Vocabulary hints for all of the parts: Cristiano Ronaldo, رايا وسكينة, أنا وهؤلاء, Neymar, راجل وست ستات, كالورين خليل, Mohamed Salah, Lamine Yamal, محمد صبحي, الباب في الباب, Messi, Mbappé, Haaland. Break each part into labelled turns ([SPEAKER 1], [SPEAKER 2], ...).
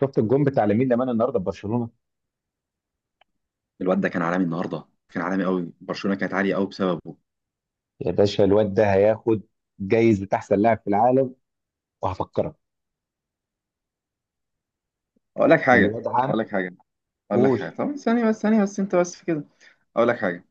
[SPEAKER 1] شفت الجون بتاع لامين يامال النهارده في برشلونه.
[SPEAKER 2] الواد ده كان عالمي النهارده، كان عالمي قوي. برشلونه كانت عاليه قوي بسببه.
[SPEAKER 1] يا باشا، الواد ده هياخد جايزه احسن لاعب في العالم وهفكرك.
[SPEAKER 2] اقول لك حاجه.
[SPEAKER 1] الواد عام.
[SPEAKER 2] اقول لك حاجه. اقول لك حاجه.
[SPEAKER 1] قول.
[SPEAKER 2] طب ثانيه بس ثانيه بس، انت بس في كده. اقول لك حاجه.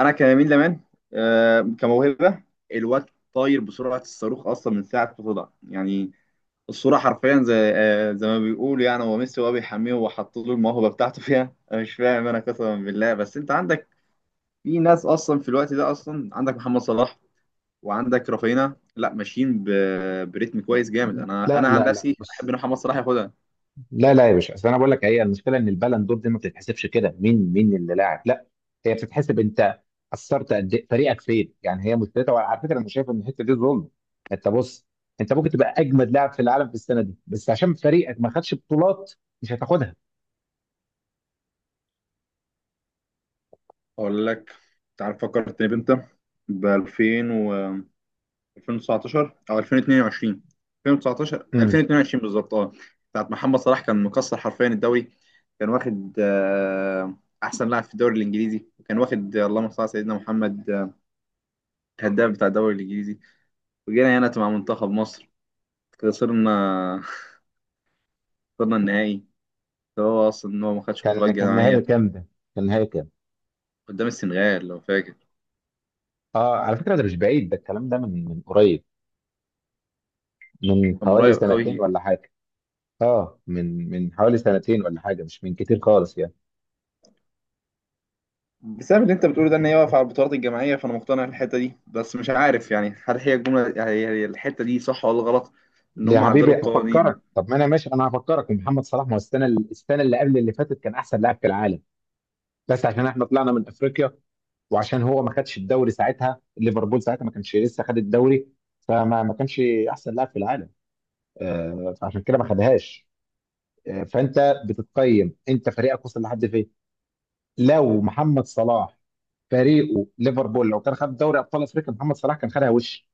[SPEAKER 2] انا كيمين لمان، كموهبه. الواد طاير بسرعه الصاروخ اصلا من ساعه ما طلع يعني. الصوره حرفيا زي ما بيقولوا، يعني هو ميسي وهو بيحميه وحط له الموهبه بتاعته فيها. انا مش فاهم، انا قسما بالله. بس انت عندك في ناس اصلا في الوقت ده، اصلا عندك محمد صلاح، وعندك رافينا لا ماشيين بريتم كويس جامد. انا
[SPEAKER 1] لا
[SPEAKER 2] انا عن
[SPEAKER 1] لا لا،
[SPEAKER 2] نفسي احب
[SPEAKER 1] بص.
[SPEAKER 2] ان محمد صلاح ياخدها.
[SPEAKER 1] لا لا يا باشا، اصل انا بقول لك، هي المشكله ان البالون دور دي ما بتتحسبش كده مين اللي لاعب، لا. هي بتتحسب انت اثرت قد ايه، فريقك فين، يعني هي مشكلتها. وعلى فكره انا شايف ان الحته دي ظلم. انت بص، انت ممكن تبقى اجمد لاعب في العالم في السنه دي، بس عشان فريقك ما خدش بطولات مش هتاخدها.
[SPEAKER 2] اقول لك، انت عارف فكرتني بامتى؟ ب 2000 و 2019 او 2022، 2019
[SPEAKER 1] امم
[SPEAKER 2] 2022 بالظبط، اه. بتاعت محمد صلاح كان مكسر حرفيا الدوري. كان واخد احسن لاعب في الدوري الانجليزي، وكان واخد اللهم صل على سيدنا محمد، الهداف بتاع الدوري الانجليزي. وجينا هنا مع منتخب مصر، خسرنا خسرنا النهائي. هو اصلا ان هو ما خدش
[SPEAKER 1] كان
[SPEAKER 2] بطولات
[SPEAKER 1] كان نهائي
[SPEAKER 2] جماعيه.
[SPEAKER 1] كام ده؟ كان نهائي كام؟
[SPEAKER 2] قدام السنغال لو فاكر،
[SPEAKER 1] اه على فكره ده مش بعيد، ده الكلام ده من قريب، من
[SPEAKER 2] كان
[SPEAKER 1] حوالي
[SPEAKER 2] قريب
[SPEAKER 1] سنتين
[SPEAKER 2] قوي.
[SPEAKER 1] ولا حاجه. اه من حوالي سنتين ولا حاجه، مش من كتير خالص يعني.
[SPEAKER 2] بسبب اللي انت بتقوله ده، ان هي واقفه على البطولات الجماعيه. فانا مقتنع بالحته دي، بس مش عارف يعني، هل هي الجمله، يعني هي الحته دي صح ولا غلط، ان
[SPEAKER 1] يا
[SPEAKER 2] هم عدلوا
[SPEAKER 1] حبيبي هفكرك،
[SPEAKER 2] القوانين.
[SPEAKER 1] طب ما انا ماشي، انا هفكرك. محمد صلاح ما هو السنه اللي قبل اللي فاتت كان احسن لاعب في العالم، بس عشان احنا طلعنا من افريقيا وعشان هو ما خدش الدوري ساعتها. ليفربول ساعتها ما كانش لسه خد الدوري، فما ما كانش احسن لاعب في العالم، آه، فعشان كده ما خدهاش. آه، فانت بتتقيم انت فريقك وصل لحد فين. لو محمد صلاح فريقه ليفربول لو كان خد دوري ابطال افريقيا محمد صلاح كان خدها وش،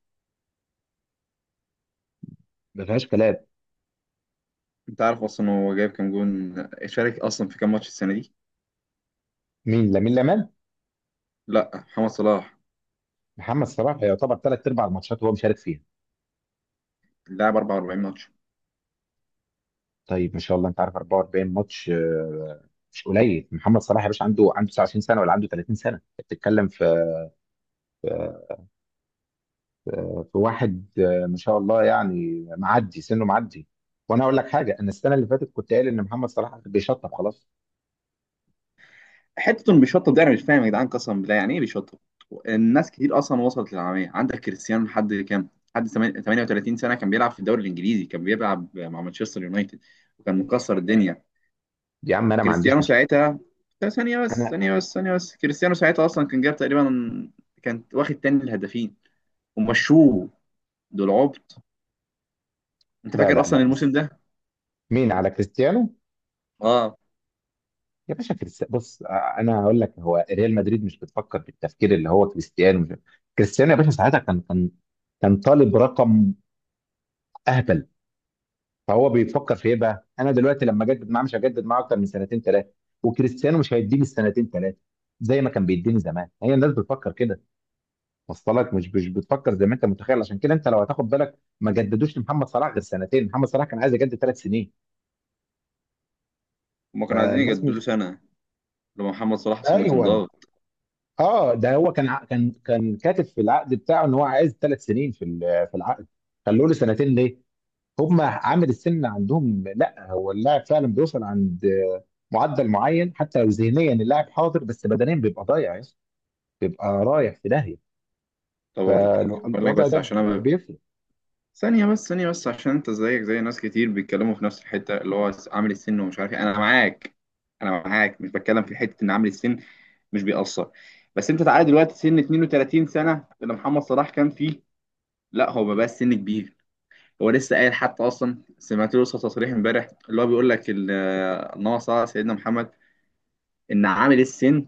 [SPEAKER 1] ما فيهاش كلام.
[SPEAKER 2] انت عارف اصلا هو جايب كام جون؟ شارك اصلا في كام ماتش السنه دي؟
[SPEAKER 1] مين؟ لامين يامال؟
[SPEAKER 2] لا، محمد صلاح
[SPEAKER 1] محمد صلاح يعتبر ثلاث ارباع الماتشات هو مشارك فيها.
[SPEAKER 2] لعب 44 ماتش.
[SPEAKER 1] طيب ما شاء الله، انت عارف 44 ماتش مش قليل. محمد صلاح يا باشا عنده عنده 29 سنه ولا عنده 30 سنه، انت بتتكلم في آه، في واحد ما شاء الله، يعني معدي سنه معدي. وانا اقول لك حاجه، انا السنه اللي فاتت كنت قايل ان محمد صلاح بيشطب خلاص.
[SPEAKER 2] حته انه بيشطب ده انا مش فاهم يا جدعان قسما بالله، يعني ايه بيشطب؟ الناس كتير اصلا وصلت للعالميه. عندك كريستيانو لحد كام؟ لحد 38 سنه كان بيلعب في الدوري الانجليزي، كان بيلعب مع مانشستر يونايتد وكان مكسر الدنيا.
[SPEAKER 1] يا عم انا ما عنديش
[SPEAKER 2] كريستيانو
[SPEAKER 1] مشكله.
[SPEAKER 2] ساعتها، لا، ثانية بس
[SPEAKER 1] انا.
[SPEAKER 2] ثانية بس ثانية بس، كريستيانو ساعتها أصلا كان جاب تقريبا، كان واخد تاني الهدافين ومشوه. دول عبط. أنت
[SPEAKER 1] لا
[SPEAKER 2] فاكر
[SPEAKER 1] لا لا،
[SPEAKER 2] أصلا الموسم
[SPEAKER 1] بس
[SPEAKER 2] ده؟
[SPEAKER 1] مين على كريستيانو؟
[SPEAKER 2] أه،
[SPEAKER 1] يا باشا كريست... بص انا هقول لك، هو ريال مدريد مش بتفكر بالتفكير اللي هو كريستيانو مش... كريستيانو يا باشا ساعتها كان كان طالب رقم اهبل. فهو بيفكر في ايه بقى؟ انا دلوقتي لما اجدد معاه مش هجدد معاه اكتر من سنتين ثلاثه، وكريستيانو مش هيديني السنتين ثلاثه زي ما كان بيديني زمان. هي الناس بتفكر كده. وصل لك؟ مش بتفكر زي ما انت متخيل. عشان كده انت لو هتاخد بالك ما جددوش لمحمد صلاح غير سنتين. محمد صلاح كان عايز يجدد ثلاث سنين،
[SPEAKER 2] هما كانوا عايزين
[SPEAKER 1] فالناس
[SPEAKER 2] يجددوا له
[SPEAKER 1] مش.
[SPEAKER 2] سنة، لما محمد صلاح أصلا اللي كان
[SPEAKER 1] ايوه.
[SPEAKER 2] ضاغط.
[SPEAKER 1] اه ده هو كان كان كاتب في العقد بتاعه ان هو عايز ثلاث سنين في في العقد، خلوه له سنتين ليه؟ هم عامل السن عندهم، لا هو اللاعب فعلا بيوصل عند معدل معين، حتى لو ذهنيا اللاعب حاضر بس بدنيا بيبقى ضايع يا اسطى، بيبقى رايح في داهيه.
[SPEAKER 2] طور. بقول لك
[SPEAKER 1] فالوضع
[SPEAKER 2] بس
[SPEAKER 1] ده
[SPEAKER 2] عشان أنا
[SPEAKER 1] بيفرق.
[SPEAKER 2] ثانية بس ثانية بس، عشان أنت زيك زي ناس كتير بيتكلموا في نفس الحتة اللي هو عامل السن، ومش عارف إيه. أنا معاك، أنا معاك، مش بتكلم في حتة إن عامل السن مش بيأثر. بس أنت تعالى دلوقتي، سن 32 سنة اللي محمد صلاح كان فيه، لا هو بقى السن كبير. هو لسه قايل حتى، اصلا سمعت له تصريح امبارح اللي هو بيقول لك ان هو صلى على سيدنا محمد، ان عامل السن،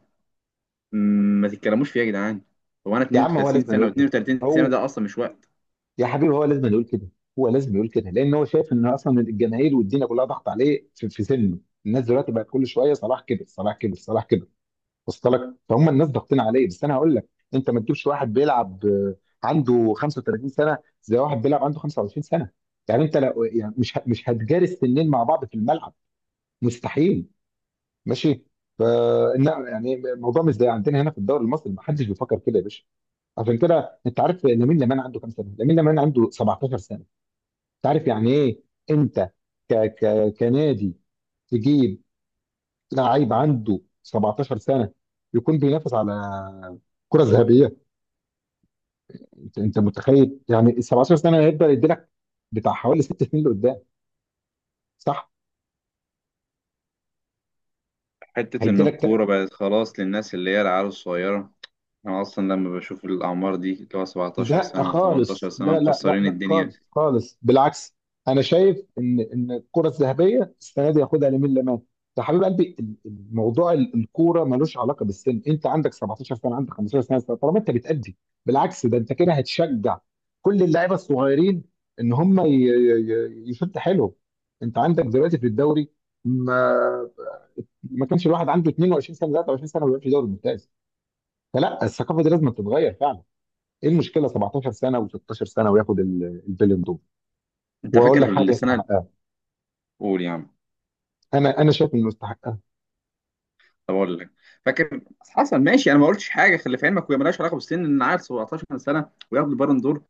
[SPEAKER 2] ما تتكلموش فيه يا جدعان. هو انا
[SPEAKER 1] يا عم هو
[SPEAKER 2] 32
[SPEAKER 1] لازم يقول
[SPEAKER 2] سنه،
[SPEAKER 1] كده،
[SPEAKER 2] و32 سنه
[SPEAKER 1] هو،
[SPEAKER 2] ده اصلا مش وقت.
[SPEAKER 1] يا حبيبي هو لازم يقول كده. هو لازم يقول كده لان هو شايف ان اصلا الجماهير والدنيا كلها ضغط عليه في في سنه. الناس دلوقتي بقت كل شويه صلاح كبر، صلاح كبر، صلاح كبر. وصلت لك؟ فهم الناس ضاغطين عليه، بس انا هقول لك، انت ما تجيبش واحد بيلعب عنده 35 سنه زي واحد بيلعب عنده 25 سنه. يعني انت لو يعني مش هتجاري السنين مع بعض في الملعب، مستحيل. ماشي. ف يعني الموضوع مش زي عندنا هنا في الدوري المصري، ما حدش بيفكر كده يا باشا. عشان كده انت عارف لامين يامال عنده كام سنه؟ لامين يامال عنده 17 سنه. انت عارف يعني ايه؟ انت ك ك كنادي تجيب لعيب عنده 17 سنه يكون بينافس على كره ذهبيه؟ انت انت متخيل يعني ال 17 سنه هيبدا يدي لك بتاع حوالي ست سنين لقدام، صح؟
[SPEAKER 2] حته ان
[SPEAKER 1] هيدي لك.
[SPEAKER 2] الكوره بقت خلاص للناس اللي هي العيال الصغيره، انا اصلا لما بشوف الاعمار دي اللي هو 17
[SPEAKER 1] لا
[SPEAKER 2] سنه و18
[SPEAKER 1] خالص،
[SPEAKER 2] سنه
[SPEAKER 1] لا لا لا
[SPEAKER 2] مكسرين
[SPEAKER 1] لا
[SPEAKER 2] الدنيا.
[SPEAKER 1] خالص، خالص، بالعكس. انا شايف ان الكره الذهبيه السنه دي ياخدها لامين يامال. يا حبيب قلبي الموضوع الكوره ملوش علاقه بالسن. انت عندك 17 سنه، عندك 15 سنه، طالما انت بتأدي بالعكس ده انت كده هتشجع كل اللعيبه الصغيرين ان هم يشد حيلهم. انت عندك دلوقتي في الدوري، ما ما كانش الواحد عنده 22 سنه 23 سنه ما بيلعبش دوري ممتاز. فلا الثقافه دي لازم تتغير. ايه المشكله 17 سنه و16 سنه وياخد البالون دور؟
[SPEAKER 2] انت
[SPEAKER 1] واقول لك
[SPEAKER 2] فاكر
[SPEAKER 1] حاجه،
[SPEAKER 2] السنه
[SPEAKER 1] يستحقها.
[SPEAKER 2] الاولى يعني؟
[SPEAKER 1] انا انا شايف انه يستحقها.
[SPEAKER 2] طب اقول لك. فاكر؟ حصل، ماشي، انا ما قلتش حاجه، خلي في علمك، وهي مالهاش علاقه بالسن ان عيل 17 سنه وياخد البالون دور،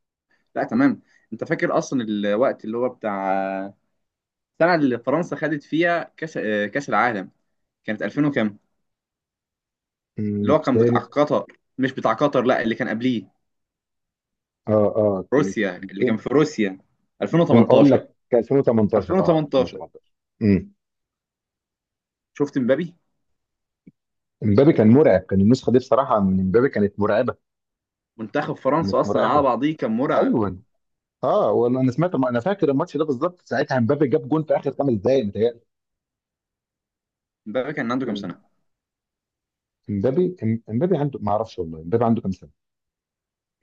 [SPEAKER 2] لا تمام. انت فاكر اصلا الوقت اللي هو بتاع السنه اللي فرنسا خدت فيها كاس العالم، كانت 2000 وكام؟ اللي هو كان بتاع
[SPEAKER 1] كانت.
[SPEAKER 2] قطر، مش بتاع قطر لا، اللي كان قبليه،
[SPEAKER 1] اه اه كانت
[SPEAKER 2] روسيا، اللي كان
[SPEAKER 1] 2000.
[SPEAKER 2] في روسيا.
[SPEAKER 1] اقول
[SPEAKER 2] 2018
[SPEAKER 1] لك كان 2018. اه
[SPEAKER 2] 2018.
[SPEAKER 1] 2018. امم
[SPEAKER 2] شفت مبابي؟
[SPEAKER 1] امبابي كان مرعب، كان النسخه دي بصراحه من امبابي كانت مرعبه.
[SPEAKER 2] منتخب فرنسا
[SPEAKER 1] كانت
[SPEAKER 2] اصلا على
[SPEAKER 1] مرعبه،
[SPEAKER 2] بعضيه كان مرعب.
[SPEAKER 1] ايوه. اه وانا أنا سمعت، انا فاكر الماتش ده بالظبط ساعتها امبابي جاب جون في اخر خمس دقائق، متهيألي.
[SPEAKER 2] مبابي كان عنده كام
[SPEAKER 1] كان.
[SPEAKER 2] سنه؟
[SPEAKER 1] امبابي امبابي عنده، ما اعرفش والله امبابي عنده كام سنه.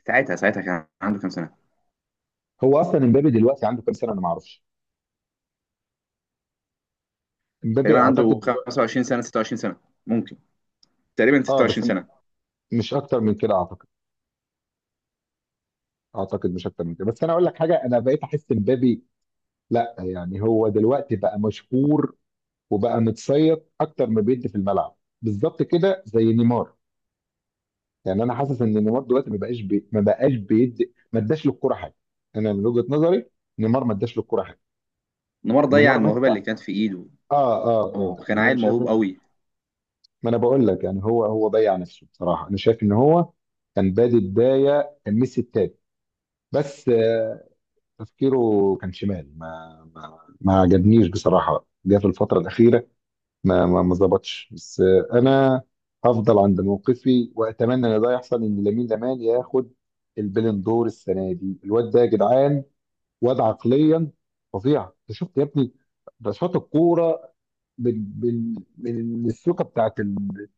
[SPEAKER 2] ساعتها ساعتها كان عنده كام سنه؟
[SPEAKER 1] هو اصلا امبابي دلوقتي عنده كام سنه، انا ما اعرفش. امبابي
[SPEAKER 2] تقريبا عنده
[SPEAKER 1] اعتقد دلوقتي.
[SPEAKER 2] 25 سنه 26 سنه، ممكن، تقريبا
[SPEAKER 1] اه
[SPEAKER 2] 26
[SPEAKER 1] بس
[SPEAKER 2] سنة.
[SPEAKER 1] مش اكتر من كده اعتقد، اعتقد مش اكتر من كده. بس انا اقول لك حاجه، انا بقيت احس مبابي، لا يعني هو دلوقتي بقى مشهور وبقى متصيد اكتر ما بيدي في الملعب. بالظبط كده زي نيمار. يعني انا حاسس ان نيمار دلوقتي ما بقاش ما بقاش بيدي، ما اداش للكوره حاجه. انا من وجهه نظري نيمار ما اداش للكوره حاجه.
[SPEAKER 2] نيمار ضيع
[SPEAKER 1] نيمار
[SPEAKER 2] الموهبة
[SPEAKER 1] متى،
[SPEAKER 2] اللي
[SPEAKER 1] اه.
[SPEAKER 2] كانت في ايده.
[SPEAKER 1] اه اه
[SPEAKER 2] هو كان
[SPEAKER 1] يعني انا
[SPEAKER 2] عيل
[SPEAKER 1] شايف
[SPEAKER 2] موهوب
[SPEAKER 1] ان.
[SPEAKER 2] قوي.
[SPEAKER 1] ما انا بقول لك، يعني هو هو ضيع نفسه بصراحه، انا شايف ان هو كان بادي بدايه كان ميسي التاني، بس تفكيره كان شمال، ما عجبنيش بصراحة. جه في الفترة الأخيرة ما ظبطش، بس أنا هفضل عند موقفي وأتمنى إن ده يحصل، إن لامين يامال ياخد البالون دور السنة دي. الواد ده يا جدعان واد عقليا فظيع. أنت شفت يا ابني؟ ده شاط الكورة من من السوكة بتاعت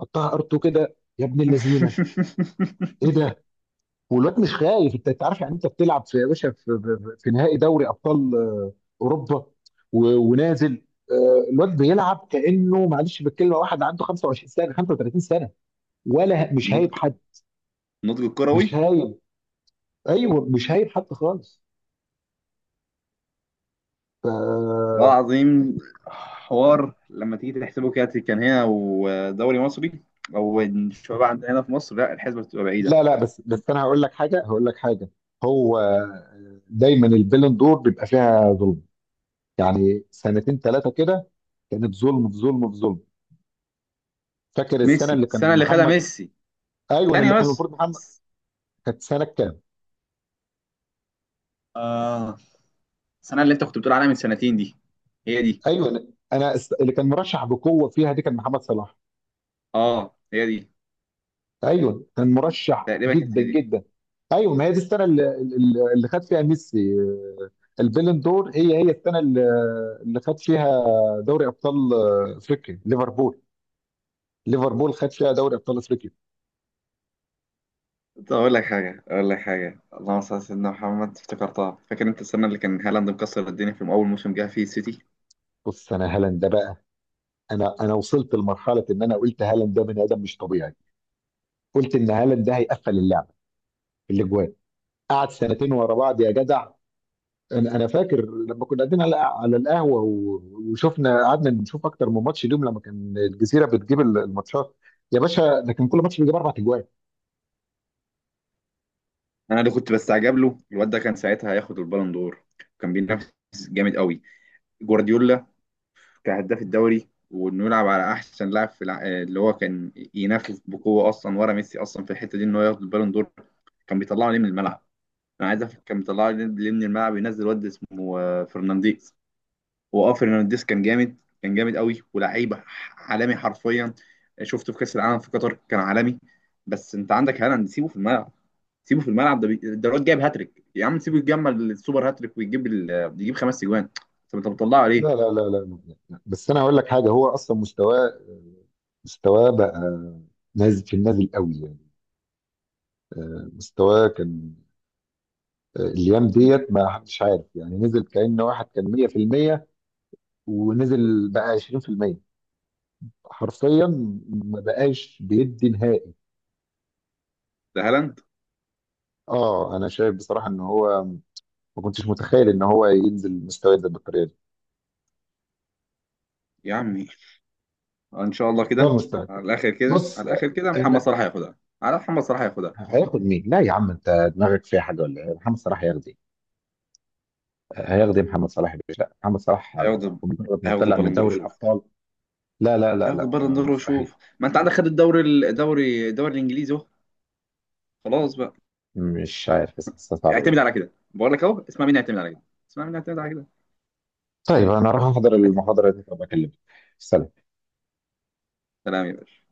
[SPEAKER 1] حطها ار 2 كده يا ابن اللذينة. إيه ده؟ والواد مش خايف. انت انت عارف يعني انت بتلعب في يا باشا في نهائي دوري ابطال اوروبا ونازل، الواد بيلعب كانه معلش بالكلمه واحد عنده 25 سنه 35 سنه. ولا مش هايب
[SPEAKER 2] نضج،
[SPEAKER 1] حد.
[SPEAKER 2] نضج
[SPEAKER 1] مش
[SPEAKER 2] الكروي.
[SPEAKER 1] هايب، ايوه مش هايب حد خالص. ف...
[SPEAKER 2] والله العظيم، حوار لما تيجي تحسبه كده كان هنا ودوري مصري، او الشباب عندنا هنا في مصر، لا، الحسبة بتبقى بعيدة.
[SPEAKER 1] لا لا بس بس، انا هقول لك حاجه، هقول لك حاجه. هو دايما البالون دور بيبقى فيها ظلم. يعني سنتين ثلاثه كده كانت ظلم في ظلم في ظلم. فاكر السنه
[SPEAKER 2] ميسي،
[SPEAKER 1] اللي
[SPEAKER 2] السنة
[SPEAKER 1] كان
[SPEAKER 2] اللي خدها
[SPEAKER 1] محمد؟
[SPEAKER 2] ميسي،
[SPEAKER 1] ايوه
[SPEAKER 2] ثانية
[SPEAKER 1] اللي كان
[SPEAKER 2] بس،
[SPEAKER 1] المفروض محمد. كانت سنه كام؟
[SPEAKER 2] آه السنة اللي أنت كنت بتقول عليها من سنتين دي، هي دي.
[SPEAKER 1] ايوه انا. اللي كان مرشح بقوه فيها دي كان محمد صلاح.
[SPEAKER 2] آه، هي دي.
[SPEAKER 1] ايوه كان مرشح
[SPEAKER 2] تقريبا كانت
[SPEAKER 1] جدا
[SPEAKER 2] هي دي.
[SPEAKER 1] جدا. ايوه ما هي دي السنه اللي خد فيها ميسي البالون دور. هي هي السنه اللي اللي خد فيها دوري ابطال افريقيا ليفربول. ليفربول خد فيها دوري ابطال افريقيا.
[SPEAKER 2] طب أقول لك حاجة اللهم صل على سيدنا محمد، افتكرتها. فاكر أنت السنة اللي كان هالاند مكسر الدنيا في أول موسم جه فيه السيتي؟
[SPEAKER 1] بص انا هالاند ده بقى، انا انا وصلت لمرحله ان انا قلت هالاند ده بني ادم مش طبيعي. قلت ان هالاند ده هيقفل اللعبه في الاجوان، قعد سنتين ورا بعض يا جدع. انا انا فاكر لما كنا قاعدين على على القهوه وشفنا، قعدنا نشوف اكتر من ماتش اليوم لما كان الجزيره بتجيب الماتشات. يا باشا ده كان كل ماتش بيجيب اربع اجوان.
[SPEAKER 2] أنا اللي كنت بستعجب له، الواد ده كان ساعتها هياخد البالون دور. كان بينافس جامد قوي جوارديولا كهداف الدوري، وإنه يلعب على أحسن لاعب اللي هو كان ينافس بقوة أصلا ورا ميسي أصلا في الحتة دي إن هو ياخد البالون دور. كان بيطلعه ليه من الملعب؟ أنا عايز أفهم، كان بيطلعه ليه من الملعب؟ ينزل واد اسمه فرنانديز. واه فرنانديز كان جامد، كان جامد قوي، ولعيب عالمي حرفيا. شفته في كاس العالم في قطر كان عالمي. بس انت عندك هالاند، سيبه في الملعب، سيبه في الملعب، ده الواد جايب هاتريك يا عم، سيبه يتجمل السوبر هاتريك، ويجيب ال... يجيب خمس اجوان. طب انت بتطلعه
[SPEAKER 1] لا
[SPEAKER 2] ليه؟
[SPEAKER 1] لا لا لا لا- لا. بس انا هقول لك حاجه، هو اصلا مستواه، مستواه بقى نازل، في النازل قوي يعني. مستواه كان الايام ديت ما حدش عارف، يعني نزل كأن واحد كان 100% ونزل بقى 20%، حرفيا ما بقاش بيدي نهائي.
[SPEAKER 2] ده هالاند.
[SPEAKER 1] اه انا شايف بصراحه ان هو، ما كنتش متخيل ان هو ينزل مستويات ده بالطريقه دي.
[SPEAKER 2] يا عمي ان شاء الله
[SPEAKER 1] والله
[SPEAKER 2] كده.
[SPEAKER 1] المستعان.
[SPEAKER 2] على الاخر كده،
[SPEAKER 1] بص
[SPEAKER 2] على الاخر كده، محمد
[SPEAKER 1] انا،
[SPEAKER 2] صلاح هياخدها، على محمد صلاح هياخدها.
[SPEAKER 1] هياخد مين؟ لا يا عم انت دماغك فيها حاجه ولا ايه؟ محمد صلاح هياخد ايه؟ هياخد ايه محمد صلاح يا باشا؟ لا محمد صلاح
[SPEAKER 2] هياخد
[SPEAKER 1] مجرد ما
[SPEAKER 2] هياخد
[SPEAKER 1] طلع من
[SPEAKER 2] البالون دور
[SPEAKER 1] دوري
[SPEAKER 2] وشوف.
[SPEAKER 1] الابطال. لا لا لا
[SPEAKER 2] هياخد
[SPEAKER 1] لا
[SPEAKER 2] البالون دور
[SPEAKER 1] مستحيل.
[SPEAKER 2] وشوف. ما انت عندك، خد الدوري، الدوري الانجليزي اهو. خلاص بقى.
[SPEAKER 1] مش عارف بس حاسسها صعبه أوي.
[SPEAKER 2] اعتمد على كده بقول لك اهو، اسمع مني اعتمد على كده، اسمع مني اعتمد على كده.
[SPEAKER 1] طيب انا راح احضر
[SPEAKER 2] أت-
[SPEAKER 1] المحاضره دي، طب اكلمك، سلام.
[SPEAKER 2] سلام. يا باشا.